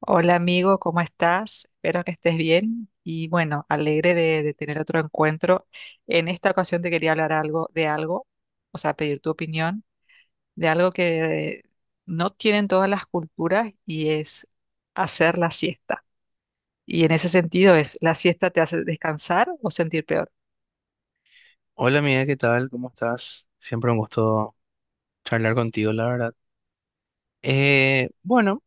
Hola amigo, ¿cómo estás? Espero que estés bien y bueno, alegre de tener otro encuentro. En esta ocasión te quería hablar algo de algo, o sea, pedir tu opinión de algo que no tienen todas las culturas y es hacer la siesta. Y en ese sentido es, ¿la siesta te hace descansar o sentir peor? Hola amiga, ¿qué tal? ¿Cómo estás? Siempre un gusto charlar contigo, la verdad. Bueno,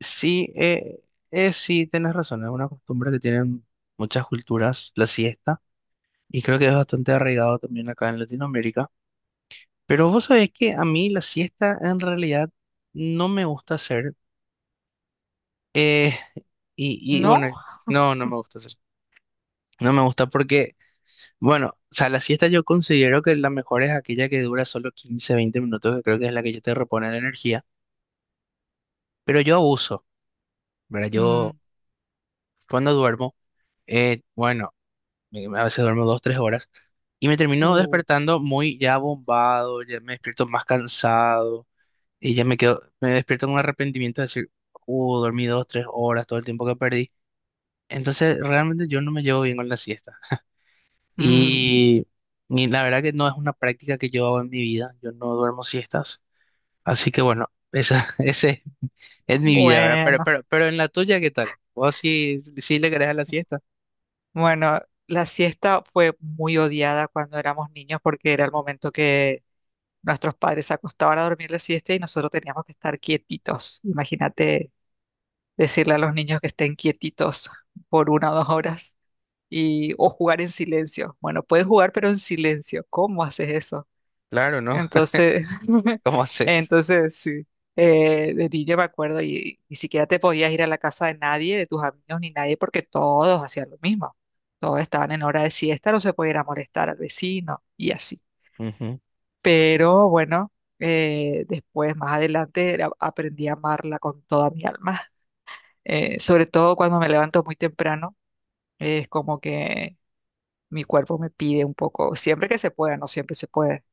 sí, sí, tenés razón, es una costumbre que tienen muchas culturas, la siesta, y creo que es bastante arraigado también acá en Latinoamérica. Pero vos sabés que a mí la siesta en realidad no me gusta hacer, eh, y ¿No? bueno, no, no me gusta hacer. No me gusta porque, bueno, o sea, la siesta yo considero que la mejor es aquella que dura solo 15, 20 minutos, que creo que es la que yo te repone la energía. Pero yo abuso, ¿verdad? Yo Mm. cuando duermo, bueno, a veces duermo 2, 3 horas y me termino uh, despertando muy ya bombado, ya me despierto más cansado y ya me quedo, me despierto con un arrepentimiento de decir, dormí 2, 3 horas, todo el tiempo que perdí. Entonces, realmente yo no me llevo bien con la siesta. mm, Y, y la verdad que no es una práctica que yo hago en mi vida, yo no duermo siestas. Así que bueno, ese es mi vida, ¿verdad? Pero, bueno, pero, pero en la tuya, ¿qué tal? ¿Vos sí, sí le querés a la siesta? bueno, la siesta fue muy odiada cuando éramos niños porque era el momento. Nuestros padres se acostaban a dormir la siesta y nosotros teníamos que estar quietitos. Imagínate decirle a los niños que estén quietitos por una o 2 horas y, o jugar en silencio. Bueno, pueden jugar, pero en silencio. ¿Cómo haces eso? Claro, ¿no? Entonces, ¿Cómo haces? entonces sí, de niño me acuerdo y ni siquiera te podías ir a la casa de nadie, de tus amigos ni nadie, porque todos hacían lo mismo. Todos estaban en hora de siesta, no se podía ir a molestar al vecino y así. Ujú, Pero bueno, después, más adelante, aprendí a amarla con toda mi alma. Sobre todo cuando me levanto muy temprano, es como que mi cuerpo me pide un poco, siempre que se pueda, no siempre se puede.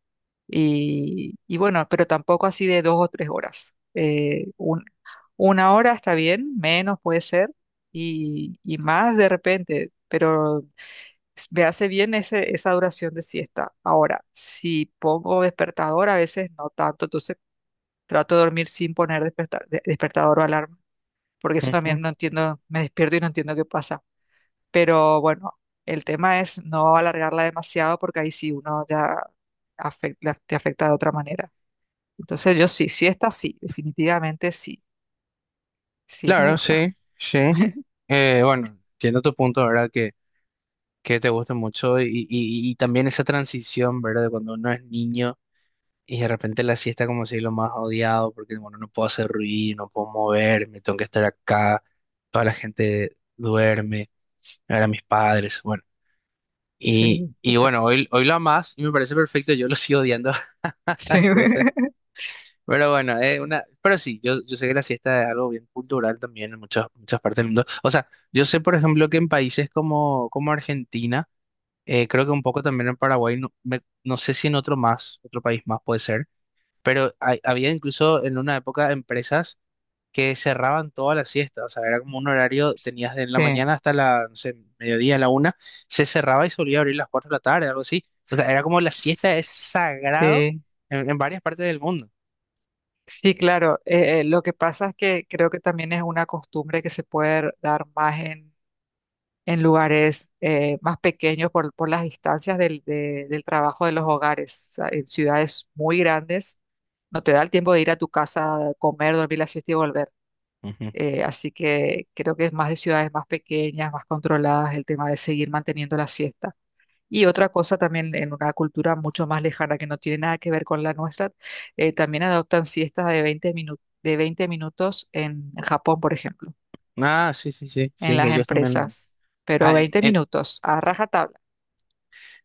Y bueno, pero tampoco así de 2 o 3 horas. Una hora está bien, menos puede ser, y más de repente, pero me hace bien ese, esa duración de siesta. Ahora, si pongo despertador, a veces no tanto. Entonces trato de dormir sin poner despertador o alarma, porque eso ujú. también no entiendo, me despierto y no entiendo qué pasa. Pero bueno, el tema es no alargarla demasiado porque ahí sí uno ya te afecta de otra manera. Entonces yo sí, siesta sí, definitivamente sí, sí, me Claro, gusta. sí, sí. Bueno, entiendo tu punto, ¿verdad? Que te gusta mucho y también esa transición, ¿verdad? De cuando uno es niño y de repente la siesta como si es lo más odiado porque, bueno, no puedo hacer ruido, no puedo moverme, tengo que estar acá, toda la gente duerme, ahora mis padres, bueno. Sí, Y total. bueno, hoy lo amas y me parece perfecto, yo lo sigo odiando. Sí. Entonces, pero bueno, pero sí, yo sé que la siesta es algo bien cultural también en muchas, muchas partes del mundo. O sea, yo sé, por ejemplo, que en países como, como Argentina, creo que un poco también en Paraguay, no, no sé si en otro más, otro país más puede ser, pero había incluso en una época empresas que cerraban toda la siesta. O sea, era como un horario, tenías de la Sí. mañana hasta la, no sé, mediodía, la una, se cerraba y solía abrir las 4 de la tarde, algo así. O sea, era como la siesta es sagrado Sí. en varias partes del mundo. Sí, claro. Lo que pasa es que creo que también es una costumbre que se puede dar más en lugares más pequeños por las distancias del trabajo de los hogares. O sea, en ciudades muy grandes no te da el tiempo de ir a tu casa, comer, dormir la siesta y volver. Así que creo que es más de ciudades más pequeñas, más controladas, el tema de seguir manteniendo la siesta. Y otra cosa también en una cultura mucho más lejana que no tiene nada que ver con la nuestra, también adoptan siestas de 20 minutos, de 20 minutos en Japón, por ejemplo, Ah, sí, sí, sí, en sí, que las ellos también. empresas, pero Ah, 20 minutos a rajatabla.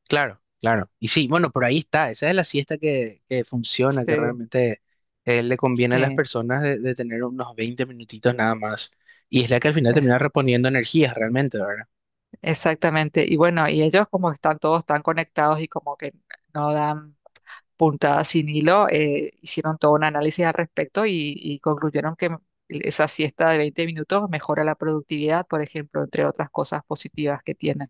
claro, claro. Y sí, bueno, por ahí está. Esa es la siesta que funciona, que Sí, realmente le conviene a las sí, personas de tener unos 20 minutitos nada más. Y es la que al final es- termina reponiendo energías realmente, ¿verdad? exactamente. Y bueno, y ellos como están todos tan conectados y como que no dan puntada sin hilo, hicieron todo un análisis al respecto y concluyeron que esa siesta de 20 minutos mejora la productividad, por ejemplo, entre otras cosas positivas que tienen.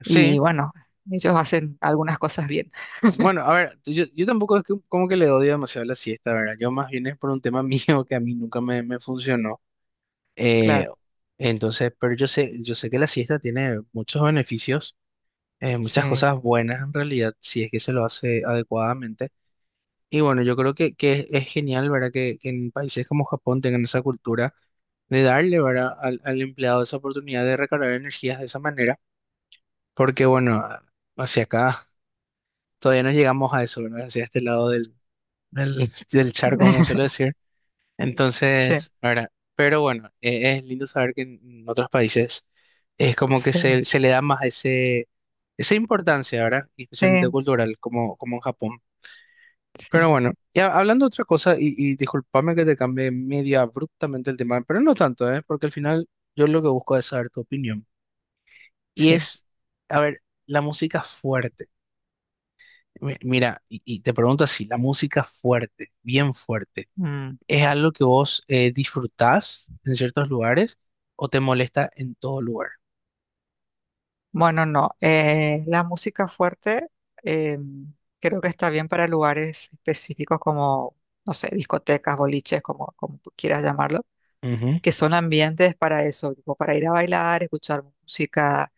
Sí. Y bueno, ellos hacen algunas cosas bien, Bueno, a ver, yo tampoco es que, como que le odio demasiado la siesta, ¿verdad? Yo más bien es por un tema mío que a mí nunca me funcionó. Eh, claro. entonces, pero yo sé que la siesta tiene muchos beneficios muchas Sí, cosas buenas en realidad, si es que se lo hace adecuadamente. Y bueno, yo creo que es genial, ¿verdad? Que en países como Japón tengan esa cultura de darle, ¿verdad? Al empleado esa oportunidad de recargar energías de esa manera, porque bueno, hacia acá todavía no llegamos a eso, ¿verdad? Hacia este lado del, del charco, como suelo decir. sí, Entonces, ahora, pero bueno, es lindo saber que en otros países es como que se, sí, se le da más ese, esa importancia, ¿verdad? Y especialmente sí, cultural, como, como en Japón. Pero sí, bueno, ya hablando de otra cosa, y discúlpame que te cambie medio abruptamente el tema, pero no tanto, ¿eh? Porque al final yo lo que busco es saber tu opinión. Y sí. es, a ver, la música fuerte. Mira, y te pregunto así, la música fuerte, bien fuerte. Mm. ¿Es algo que vos disfrutás en ciertos lugares o te molesta en todo lugar? Bueno, no. La música fuerte, eh, creo que está bien para lugares específicos como, no sé, discotecas, boliches, como tú quieras llamarlo, Ujú. que son ambientes para eso, tipo para ir a bailar, escuchar música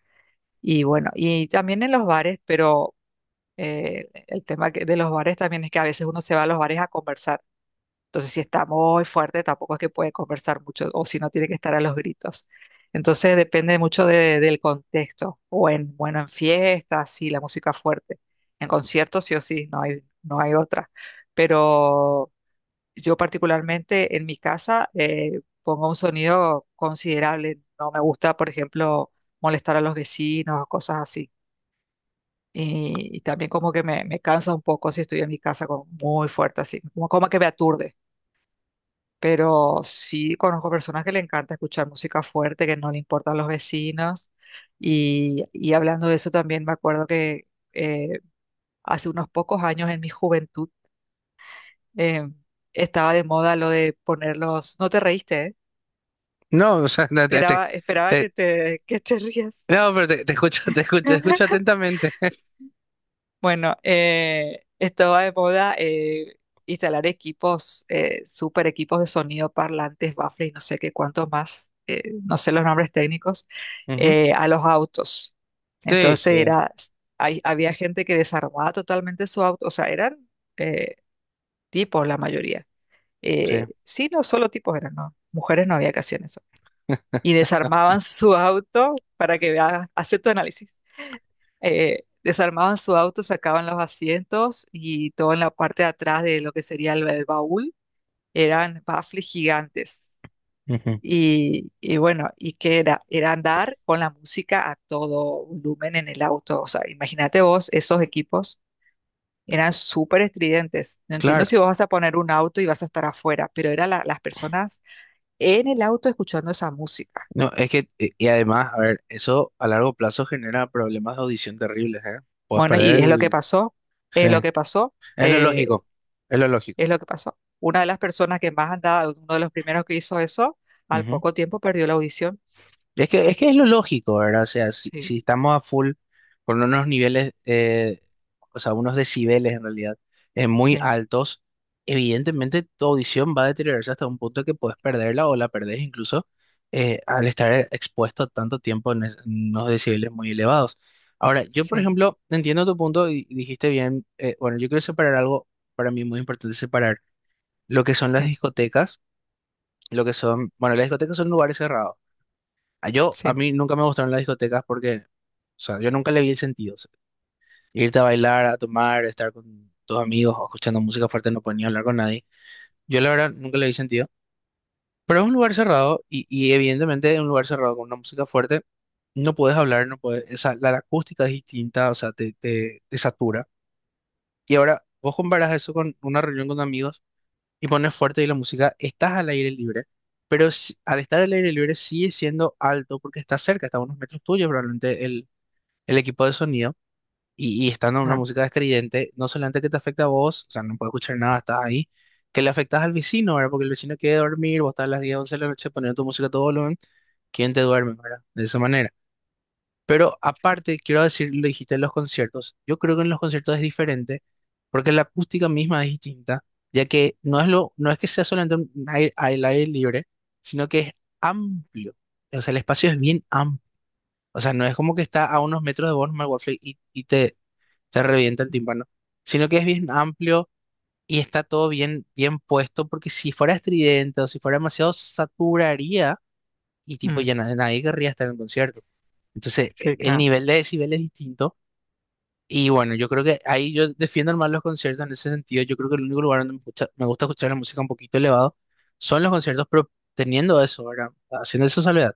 y bueno, y también en los bares, pero el tema de los bares también es que a veces uno se va a los bares a conversar. Entonces, si está muy fuerte, tampoco es que puede conversar mucho o si no tiene que estar a los gritos. Entonces, depende mucho del contexto o en, bueno, en fiestas, sí, la música fuerte. En conciertos, sí o sí, no hay, no hay otra. Pero yo particularmente en mi casa pongo un sonido considerable. No me gusta, por ejemplo, molestar a los vecinos o cosas así. Y también como que me cansa un poco si estoy en mi casa con muy fuerte así, como que me aturde, pero sí conozco personas que le encanta escuchar música fuerte, que no le importan los vecinos. Y hablando de eso también me acuerdo que eh, hace unos pocos años en mi juventud eh, estaba de moda lo de poner los. No te reíste, ¿eh? No, o sea, no, Esperaba te- que te rías. no, pero te escucho, te escucho atentamente. Bueno, esto va de moda, instalar equipos, super equipos de sonido, parlantes, baffles y no sé qué cuánto más, no sé los nombres técnicos, Ujú. A los autos. Sí, Entonces sí, era, había gente que desarmaba totalmente su auto, o sea, eran eh, tipos la mayoría. sí. Sí, no solo tipos eran, no, mujeres no había que hacer eso. Y desarmaban su auto para que veas, hace tu análisis, desarmaban su auto, sacaban los asientos y todo en la parte de atrás de lo que sería el baúl eran baffles gigantes. Ujú. Y bueno, ¿y qué era? Era andar con la música a todo volumen en el auto. O sea, imagínate vos, esos equipos eran súper estridentes. No entiendo Claro. si vos vas a poner un auto y vas a estar afuera, pero eran las personas en el auto escuchando esa música. No, es que, y además, a ver, eso a largo plazo genera problemas de audición terribles, ¿eh? Puedes Bueno, perder y es lo que el... pasó, Sí. es lo que pasó. Es lo Eh, lógico, es lo lógico. Es lo que pasó. Una de las personas que más andaba, uno de los primeros que hizo eso, al poco tiempo perdió la audición. Es que es lo lógico, ¿verdad? O sea, si, Sí, si estamos a full con unos niveles, o sea, unos decibeles en realidad, muy sí, altos, evidentemente tu audición va a deteriorarse hasta un punto que puedes perderla o la perdés incluso al estar expuesto tanto tiempo en unos decibeles muy elevados. Ahora, yo, por sí, ejemplo, entiendo tu punto y dijiste bien, bueno, yo quiero separar algo, para mí muy importante separar lo que son las sí, discotecas, lo que son, bueno, las discotecas son lugares cerrados. A sí. mí nunca me gustaron las discotecas porque, o sea, yo nunca le vi el sentido. O sea, irte a bailar, a tomar, estar con tus amigos, o escuchando música fuerte, no podía hablar con nadie. Yo, la verdad, nunca le vi sentido. Pero es un lugar cerrado y evidentemente, en un lugar cerrado con una música fuerte, no puedes hablar, no puedes, la acústica es distinta, o sea, te satura. Y ahora, vos comparas eso con una reunión con amigos y pones fuerte y la música, estás al aire libre. Pero al estar al aire libre sigue siendo alto porque está cerca, está a unos metros tuyos probablemente el equipo de sonido y estando en una Claro. música estridente, no solamente que te afecta a vos, o sea, no puedes escuchar nada, estás ahí, que le afectas al vecino, ¿verdad? Porque el vecino quiere dormir, vos estás a las 10 11 de la noche poniendo tu música a todo volumen, ¿quién te duerme, ¿verdad? De esa manera. Pero aparte, quiero decir, lo dijiste en los conciertos, yo creo que en los conciertos es diferente porque la acústica misma es distinta, ya que no es, no es que sea solamente un aire, al aire libre, sino que es amplio, o sea, el espacio es bien amplio, o sea, no es como que está a unos metros de vos, nomás el Warframe, y te revienta el Mm, tímpano, sino que es bien amplio y está todo bien, bien puesto, porque si fuera estridente o si fuera demasiado, saturaría y tipo mm, ya nadie querría estar en el concierto. Entonces, sí, el claro. nivel de decibel es distinto. Y bueno, yo creo que ahí yo defiendo más los conciertos en ese sentido. Yo creo que el único lugar donde me gusta escuchar la música un poquito elevado son los conciertos, pero teniendo eso, ¿verdad? Haciendo esa salvedad.